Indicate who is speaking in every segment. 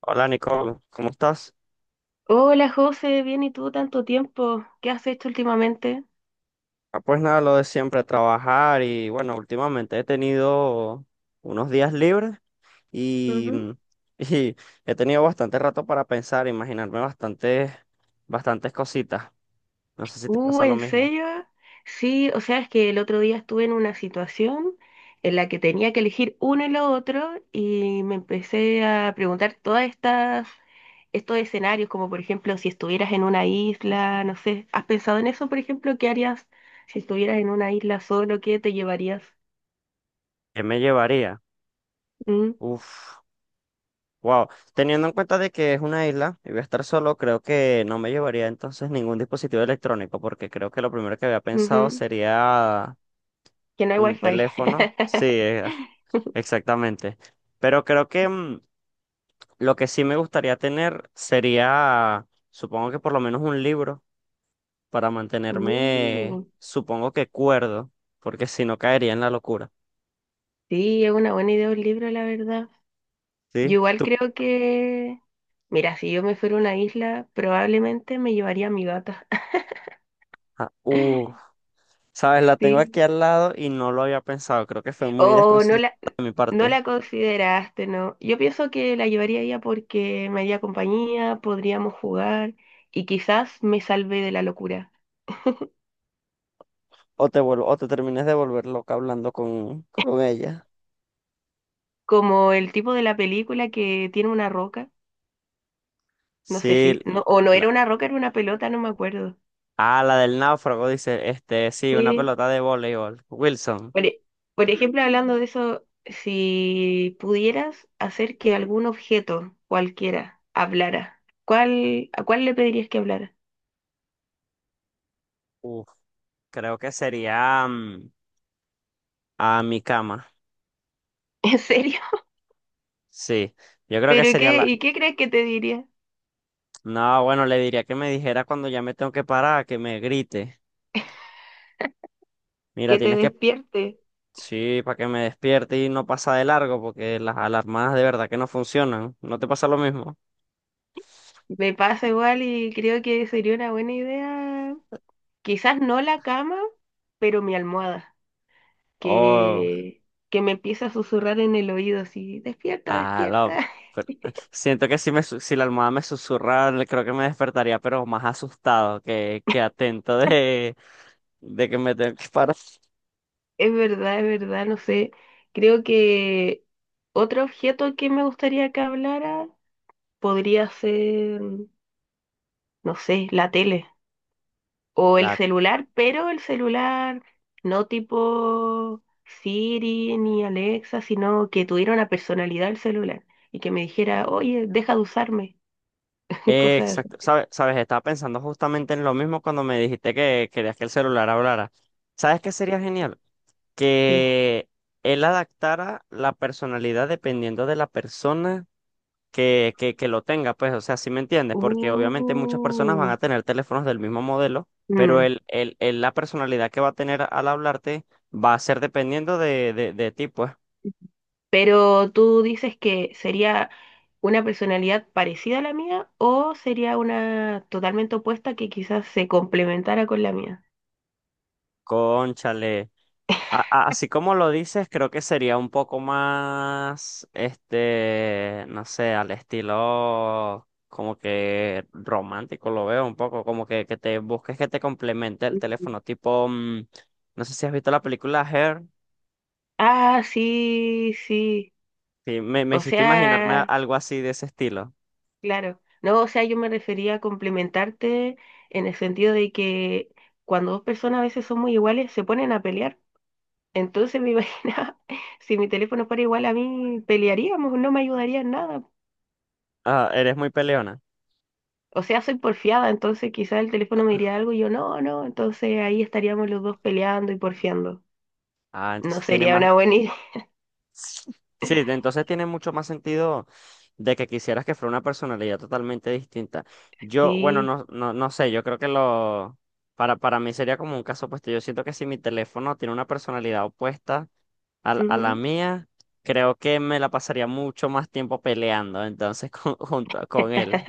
Speaker 1: Hola Nicole, ¿cómo estás?
Speaker 2: Hola José, bien y tú, tanto tiempo. ¿Qué has hecho últimamente?
Speaker 1: Ah, pues nada, lo de siempre, trabajar y bueno, últimamente he tenido unos días libres y,
Speaker 2: Ujú.
Speaker 1: y he tenido bastante rato para pensar, imaginarme bastantes cositas. No sé si te pasa lo
Speaker 2: ¿En
Speaker 1: mismo.
Speaker 2: serio? Sí, o sea, es que el otro día estuve en una situación en la que tenía que elegir uno y lo otro y me empecé a preguntar estos escenarios, como por ejemplo si estuvieras en una isla, no sé, ¿has pensado en eso, por ejemplo? ¿Qué harías si estuvieras en una isla solo? ¿Qué te llevarías?
Speaker 1: ¿Qué me llevaría?
Speaker 2: Mm,
Speaker 1: Uf, wow. Teniendo en cuenta de que es una isla y voy a estar solo, creo que no me llevaría entonces ningún dispositivo electrónico porque creo que lo primero que había pensado
Speaker 2: ujú,
Speaker 1: sería
Speaker 2: que no hay
Speaker 1: un
Speaker 2: wifi.
Speaker 1: teléfono. Sí, exactamente. Pero creo que lo que sí me gustaría tener sería, supongo que por lo menos un libro para mantenerme,
Speaker 2: Uh.
Speaker 1: supongo que cuerdo, porque si no caería en la locura.
Speaker 2: Sí, es una buena idea un libro, la verdad. Yo
Speaker 1: ¿Sí?
Speaker 2: igual
Speaker 1: Tú,
Speaker 2: mira, si yo me fuera a una isla, probablemente me llevaría a mi gata.
Speaker 1: ah, sabes, la tengo
Speaker 2: Sí.
Speaker 1: aquí al lado y no lo había pensado. Creo que fue muy
Speaker 2: O no
Speaker 1: desconsiderado
Speaker 2: la,
Speaker 1: de mi
Speaker 2: no
Speaker 1: parte.
Speaker 2: la consideraste, ¿no? Yo pienso que la llevaría a ella porque me haría compañía, podríamos jugar y quizás me salve de la locura.
Speaker 1: O te vuelvo, o te termines de volver loca hablando con ella.
Speaker 2: Como el tipo de la película que tiene una roca, no sé
Speaker 1: Sí,
Speaker 2: no, o no
Speaker 1: la,
Speaker 2: era una roca, era una pelota, no me acuerdo.
Speaker 1: la del náufrago dice, sí, una
Speaker 2: Sí,
Speaker 1: pelota de voleibol. Wilson.
Speaker 2: por, por ejemplo, hablando de eso, si pudieras hacer que algún objeto, cualquiera, hablara, ¿a cuál le pedirías que hablara?
Speaker 1: Creo que sería a mi cama.
Speaker 2: ¿En serio?
Speaker 1: Sí, yo creo que sería la.
Speaker 2: ¿Y qué crees que te diría?
Speaker 1: No, bueno, le diría que me dijera cuando ya me tengo que parar, que me grite. Mira,
Speaker 2: Que te
Speaker 1: tienes que.
Speaker 2: despierte.
Speaker 1: Sí, para que me despierte y no pasa de largo, porque las alarmas de verdad que no funcionan. ¿No te pasa lo mismo?
Speaker 2: Me pasa igual y creo que sería una buena idea. Quizás no la cama, pero mi almohada,
Speaker 1: Oh,
Speaker 2: que, que me empieza a susurrar en el oído así, despierta,
Speaker 1: ah, no,
Speaker 2: despierta.
Speaker 1: siento que si la almohada me susurra, creo que me despertaría, pero más asustado que atento de que me tengo que parar.
Speaker 2: Es verdad, no sé. Creo que otro objeto que me gustaría que hablara podría ser, no sé, la tele o el
Speaker 1: La
Speaker 2: celular, pero el celular no tipo Siri ni Alexa, sino que tuviera una personalidad el celular y que me dijera, oye, deja de usarme, cosas
Speaker 1: Exacto, sabes, estaba pensando justamente en lo mismo cuando me dijiste que querías que el celular hablara. ¿Sabes qué sería genial?
Speaker 2: que...
Speaker 1: Que él adaptara la personalidad dependiendo de la persona que lo tenga, pues, o sea, ¿si me entiendes? Porque obviamente muchas personas van
Speaker 2: Uh,
Speaker 1: a tener teléfonos del mismo modelo, pero
Speaker 2: mm.
Speaker 1: la personalidad que va a tener al hablarte va a ser dependiendo de ti, pues.
Speaker 2: Pero tú dices que sería una personalidad parecida a la mía o sería una totalmente opuesta que quizás se complementara con la mía.
Speaker 1: Cónchale. Así como lo dices, creo que sería un poco más, este, no sé, al estilo como que romántico, lo veo un poco, como que te busques que te complemente el
Speaker 2: Ujú.
Speaker 1: teléfono, tipo, no sé si has visto la película Hair.
Speaker 2: Ah, sí, sí.
Speaker 1: Sí, me
Speaker 2: O
Speaker 1: hiciste imaginarme
Speaker 2: sea,
Speaker 1: algo así de ese estilo.
Speaker 2: claro. No, o sea, yo me refería a complementarte en el sentido de que cuando dos personas a veces son muy iguales, se ponen a pelear. Entonces me imaginaba, si mi teléfono fuera igual a mí, pelearíamos, no me ayudaría en nada.
Speaker 1: Ah, eres muy peleona.
Speaker 2: O sea, soy porfiada, entonces quizás el teléfono me diría algo y yo no, entonces ahí estaríamos los dos peleando y porfiando.
Speaker 1: Ah,
Speaker 2: No
Speaker 1: entonces tiene
Speaker 2: sería
Speaker 1: más.
Speaker 2: una buena idea.
Speaker 1: Sí, entonces tiene mucho más sentido de que quisieras que fuera una personalidad totalmente distinta. Yo, bueno,
Speaker 2: Sí.
Speaker 1: no, no, no sé, yo creo que lo, para mí sería como un caso opuesto. Yo siento que si mi teléfono tiene una personalidad opuesta a la
Speaker 2: Ujú.
Speaker 1: mía, creo que me la pasaría mucho más tiempo peleando entonces con, junto con él.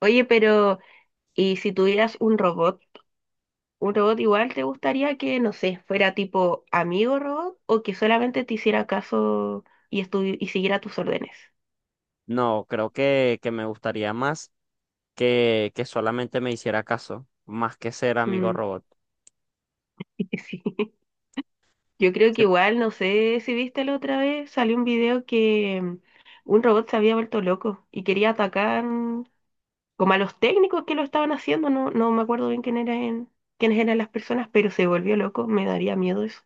Speaker 2: Oye, pero ¿y si tuvieras un robot? ¿Un robot igual te gustaría que, no sé, fuera tipo amigo robot o que solamente te hiciera caso y, y siguiera tus órdenes?
Speaker 1: No, creo que me gustaría más que solamente me hiciera caso, más que ser amigo
Speaker 2: Mm,
Speaker 1: robot.
Speaker 2: sí. Yo creo
Speaker 1: Sí,
Speaker 2: que igual, no sé si viste la otra vez, salió un video que un robot se había vuelto loco y quería atacar como a los técnicos que lo estaban haciendo, no me acuerdo bien quién eran, quiénes eran las personas, pero se volvió loco, me daría miedo eso.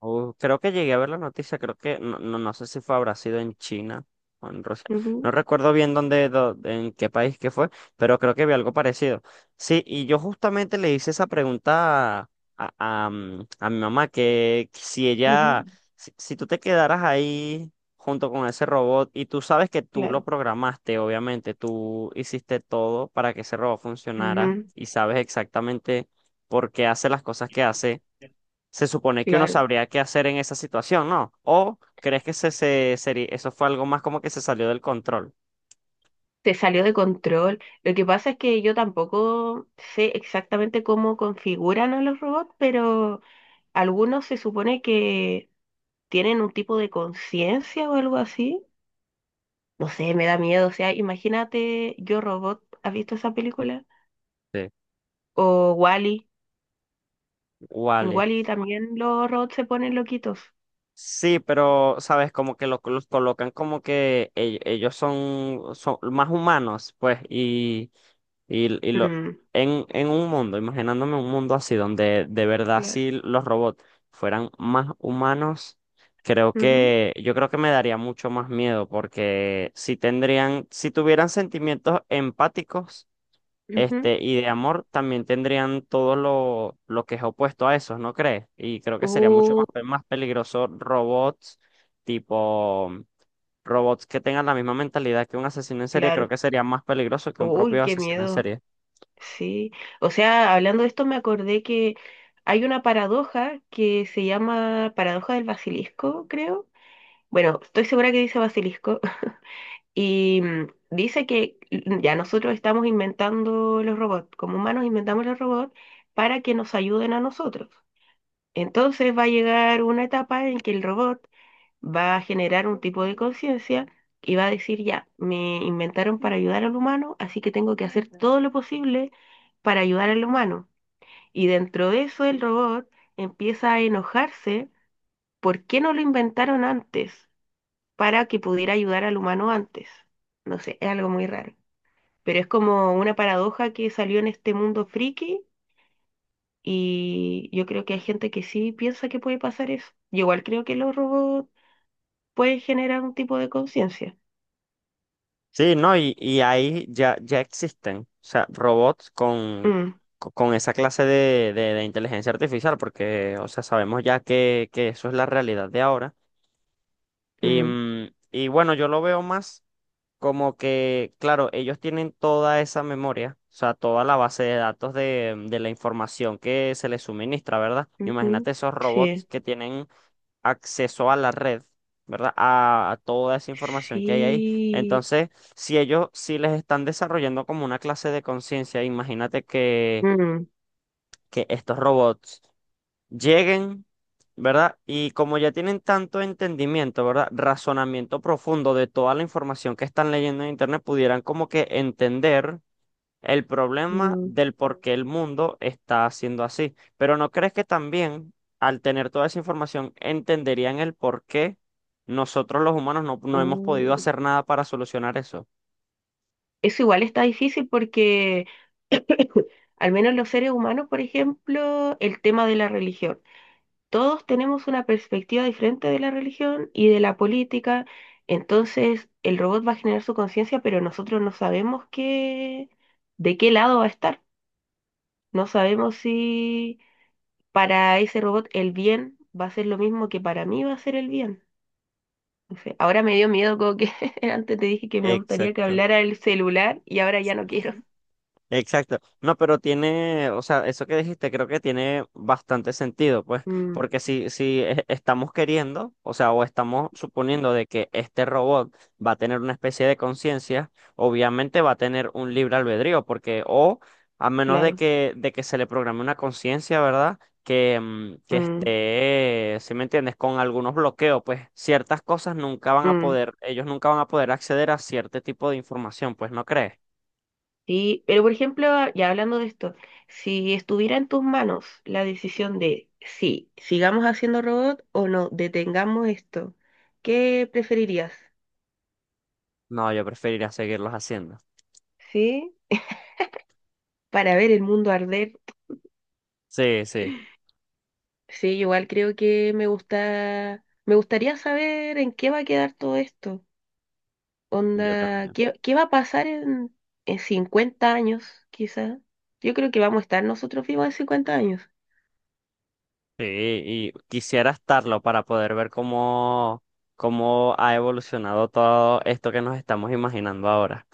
Speaker 1: Creo que llegué a ver la noticia, creo que no, no, no sé si fue habrá sido en China o en Rusia. No
Speaker 2: Ujú,
Speaker 1: recuerdo bien en qué país que fue, pero creo que vi algo parecido. Sí, y yo justamente le hice esa pregunta a mi mamá, que si
Speaker 2: ujú,
Speaker 1: ella, si, si tú te quedaras ahí junto con ese robot y tú sabes que tú
Speaker 2: claro.
Speaker 1: lo programaste, obviamente, tú hiciste todo para que ese robot funcionara
Speaker 2: Ujú.
Speaker 1: y sabes exactamente por qué hace las cosas que hace, se supone que uno
Speaker 2: Claro,
Speaker 1: sabría qué hacer en esa situación, ¿no? ¿O crees que eso fue algo más como que se salió del control?
Speaker 2: se salió de control. Lo que pasa es que yo tampoco sé exactamente cómo configuran a los robots, pero algunos se supone que tienen un tipo de conciencia o algo así. No sé, me da miedo. O sea, imagínate Yo Robot, ¿has visto esa película?
Speaker 1: Sí.
Speaker 2: O Wall-E. En
Speaker 1: Vale.
Speaker 2: Wall-E también los robots se ponen loquitos.
Speaker 1: Sí, pero, ¿sabes? Como que los colocan como que ellos son más humanos, pues, y lo,
Speaker 2: Mm,
Speaker 1: en un mundo, imaginándome un mundo así, donde de verdad
Speaker 2: claro.
Speaker 1: si los robots fueran más humanos, creo
Speaker 2: Ujú,
Speaker 1: que, yo creo que me daría mucho más miedo, porque si tuvieran sentimientos empáticos, este,
Speaker 2: ujú.
Speaker 1: y de amor, también tendrían todo lo que es opuesto a eso, ¿no crees? Y creo que sería mucho
Speaker 2: Uh,
Speaker 1: más peligroso robots tipo robots que tengan la misma mentalidad que un asesino en serie, creo
Speaker 2: claro.
Speaker 1: que sería más peligroso que un
Speaker 2: Uy,
Speaker 1: propio
Speaker 2: qué
Speaker 1: asesino en
Speaker 2: miedo.
Speaker 1: serie.
Speaker 2: Sí. O sea, hablando de esto, me acordé que hay una paradoja que se llama paradoja del basilisco, creo. Bueno, estoy segura que dice basilisco. Y dice que ya nosotros estamos inventando los robots, como humanos inventamos los robots para que nos ayuden a nosotros. Entonces va a llegar una etapa en que el robot va a generar un tipo de conciencia y va a decir, ya, me inventaron para ayudar al humano, así que tengo que hacer todo lo posible para ayudar al humano. Y dentro de eso el robot empieza a enojarse, ¿por qué no lo inventaron antes para que pudiera ayudar al humano antes? No sé, es algo muy raro. Pero es como una paradoja que salió en este mundo friki y yo creo que hay gente que sí piensa que puede pasar eso. Yo igual creo que los robots pueden generar un tipo de conciencia.
Speaker 1: Sí, no, y ahí ya, ya existen, o sea, robots con,
Speaker 2: Mm.
Speaker 1: co- con esa clase de inteligencia artificial, porque, o sea, sabemos ya que eso es la realidad de ahora. Y,
Speaker 2: Mm,
Speaker 1: mm, y bueno, yo lo veo más como que, claro, ellos tienen toda esa memoria, o sea, toda la base de datos de la información que se les suministra, ¿verdad?
Speaker 2: ujú,
Speaker 1: Imagínate esos robots
Speaker 2: sí,
Speaker 1: que tienen acceso a la red, ¿verdad? A toda esa información que hay ahí.
Speaker 2: sí.
Speaker 1: Entonces, si ellos sí les están desarrollando como una clase de conciencia, imagínate que,
Speaker 2: Mm,
Speaker 1: que estos robots lleguen, ¿verdad? Y como ya tienen tanto entendimiento, ¿verdad? Razonamiento profundo de toda la información que están leyendo en Internet, pudieran como que entender el problema
Speaker 2: mm,
Speaker 1: del por qué el mundo está haciendo así. Pero ¿no crees que también al tener toda esa información entenderían el por qué nosotros los humanos no hemos podido
Speaker 2: uh.
Speaker 1: hacer nada para solucionar eso?
Speaker 2: Eso igual está difícil porque al menos los seres humanos, por ejemplo, el tema de la religión. Todos tenemos una perspectiva diferente de la religión y de la política. Entonces, el robot va a generar su conciencia, pero nosotros no sabemos de qué lado va a estar. No sabemos si para ese robot el bien va a ser lo mismo que para mí va a ser el bien. No sé, ahora me dio miedo como que antes te dije que me gustaría que
Speaker 1: Exacto.
Speaker 2: hablara el celular y ahora ya no quiero.
Speaker 1: Exacto. No, pero tiene, o sea, eso que dijiste creo que tiene bastante sentido, pues,
Speaker 2: Mm,
Speaker 1: porque si estamos queriendo, o sea, o estamos suponiendo de que este robot va a tener una especie de conciencia, obviamente va a tener un libre albedrío, porque, o a menos de
Speaker 2: claro.
Speaker 1: que, de que se le programe una conciencia, ¿verdad? Que
Speaker 2: Mm,
Speaker 1: esté, si me entiendes, con algunos bloqueos, pues ciertas cosas nunca van a
Speaker 2: mm.
Speaker 1: poder, ellos nunca van a poder acceder a cierto tipo de información, pues, ¿no crees?
Speaker 2: Sí, pero por ejemplo, ya hablando de esto, si estuviera en tus manos la decisión de si sigamos haciendo robot o no, detengamos esto, ¿qué preferirías?
Speaker 1: No, yo preferiría seguirlos haciendo.
Speaker 2: Sí, para ver el mundo arder.
Speaker 1: Sí, sí,
Speaker 2: Sí, igual creo que me gusta, me gustaría saber en qué va a quedar todo esto.
Speaker 1: yo
Speaker 2: Onda,
Speaker 1: también.
Speaker 2: ¿qué va a pasar en 50 años, quizás? Yo creo que vamos a estar nosotros vivos en 50 años.
Speaker 1: Sí, y quisiera estarlo para poder ver cómo ha evolucionado todo esto que nos estamos imaginando ahora.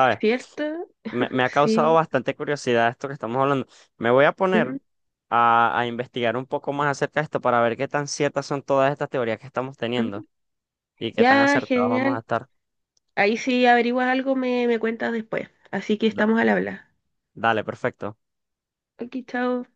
Speaker 2: ¿Es cierto?
Speaker 1: Me, me ha causado
Speaker 2: Sí.
Speaker 1: bastante curiosidad esto que estamos hablando. Me voy a poner
Speaker 2: Ujú,
Speaker 1: a investigar un poco más acerca de esto para ver qué tan ciertas son todas estas teorías que estamos teniendo
Speaker 2: ujú.
Speaker 1: y qué tan
Speaker 2: Ya,
Speaker 1: acertados vamos a
Speaker 2: genial.
Speaker 1: estar.
Speaker 2: Ahí si averiguas algo, me cuentas después. Así que
Speaker 1: Da-
Speaker 2: estamos al habla.
Speaker 1: dale, perfecto.
Speaker 2: Aquí, chao.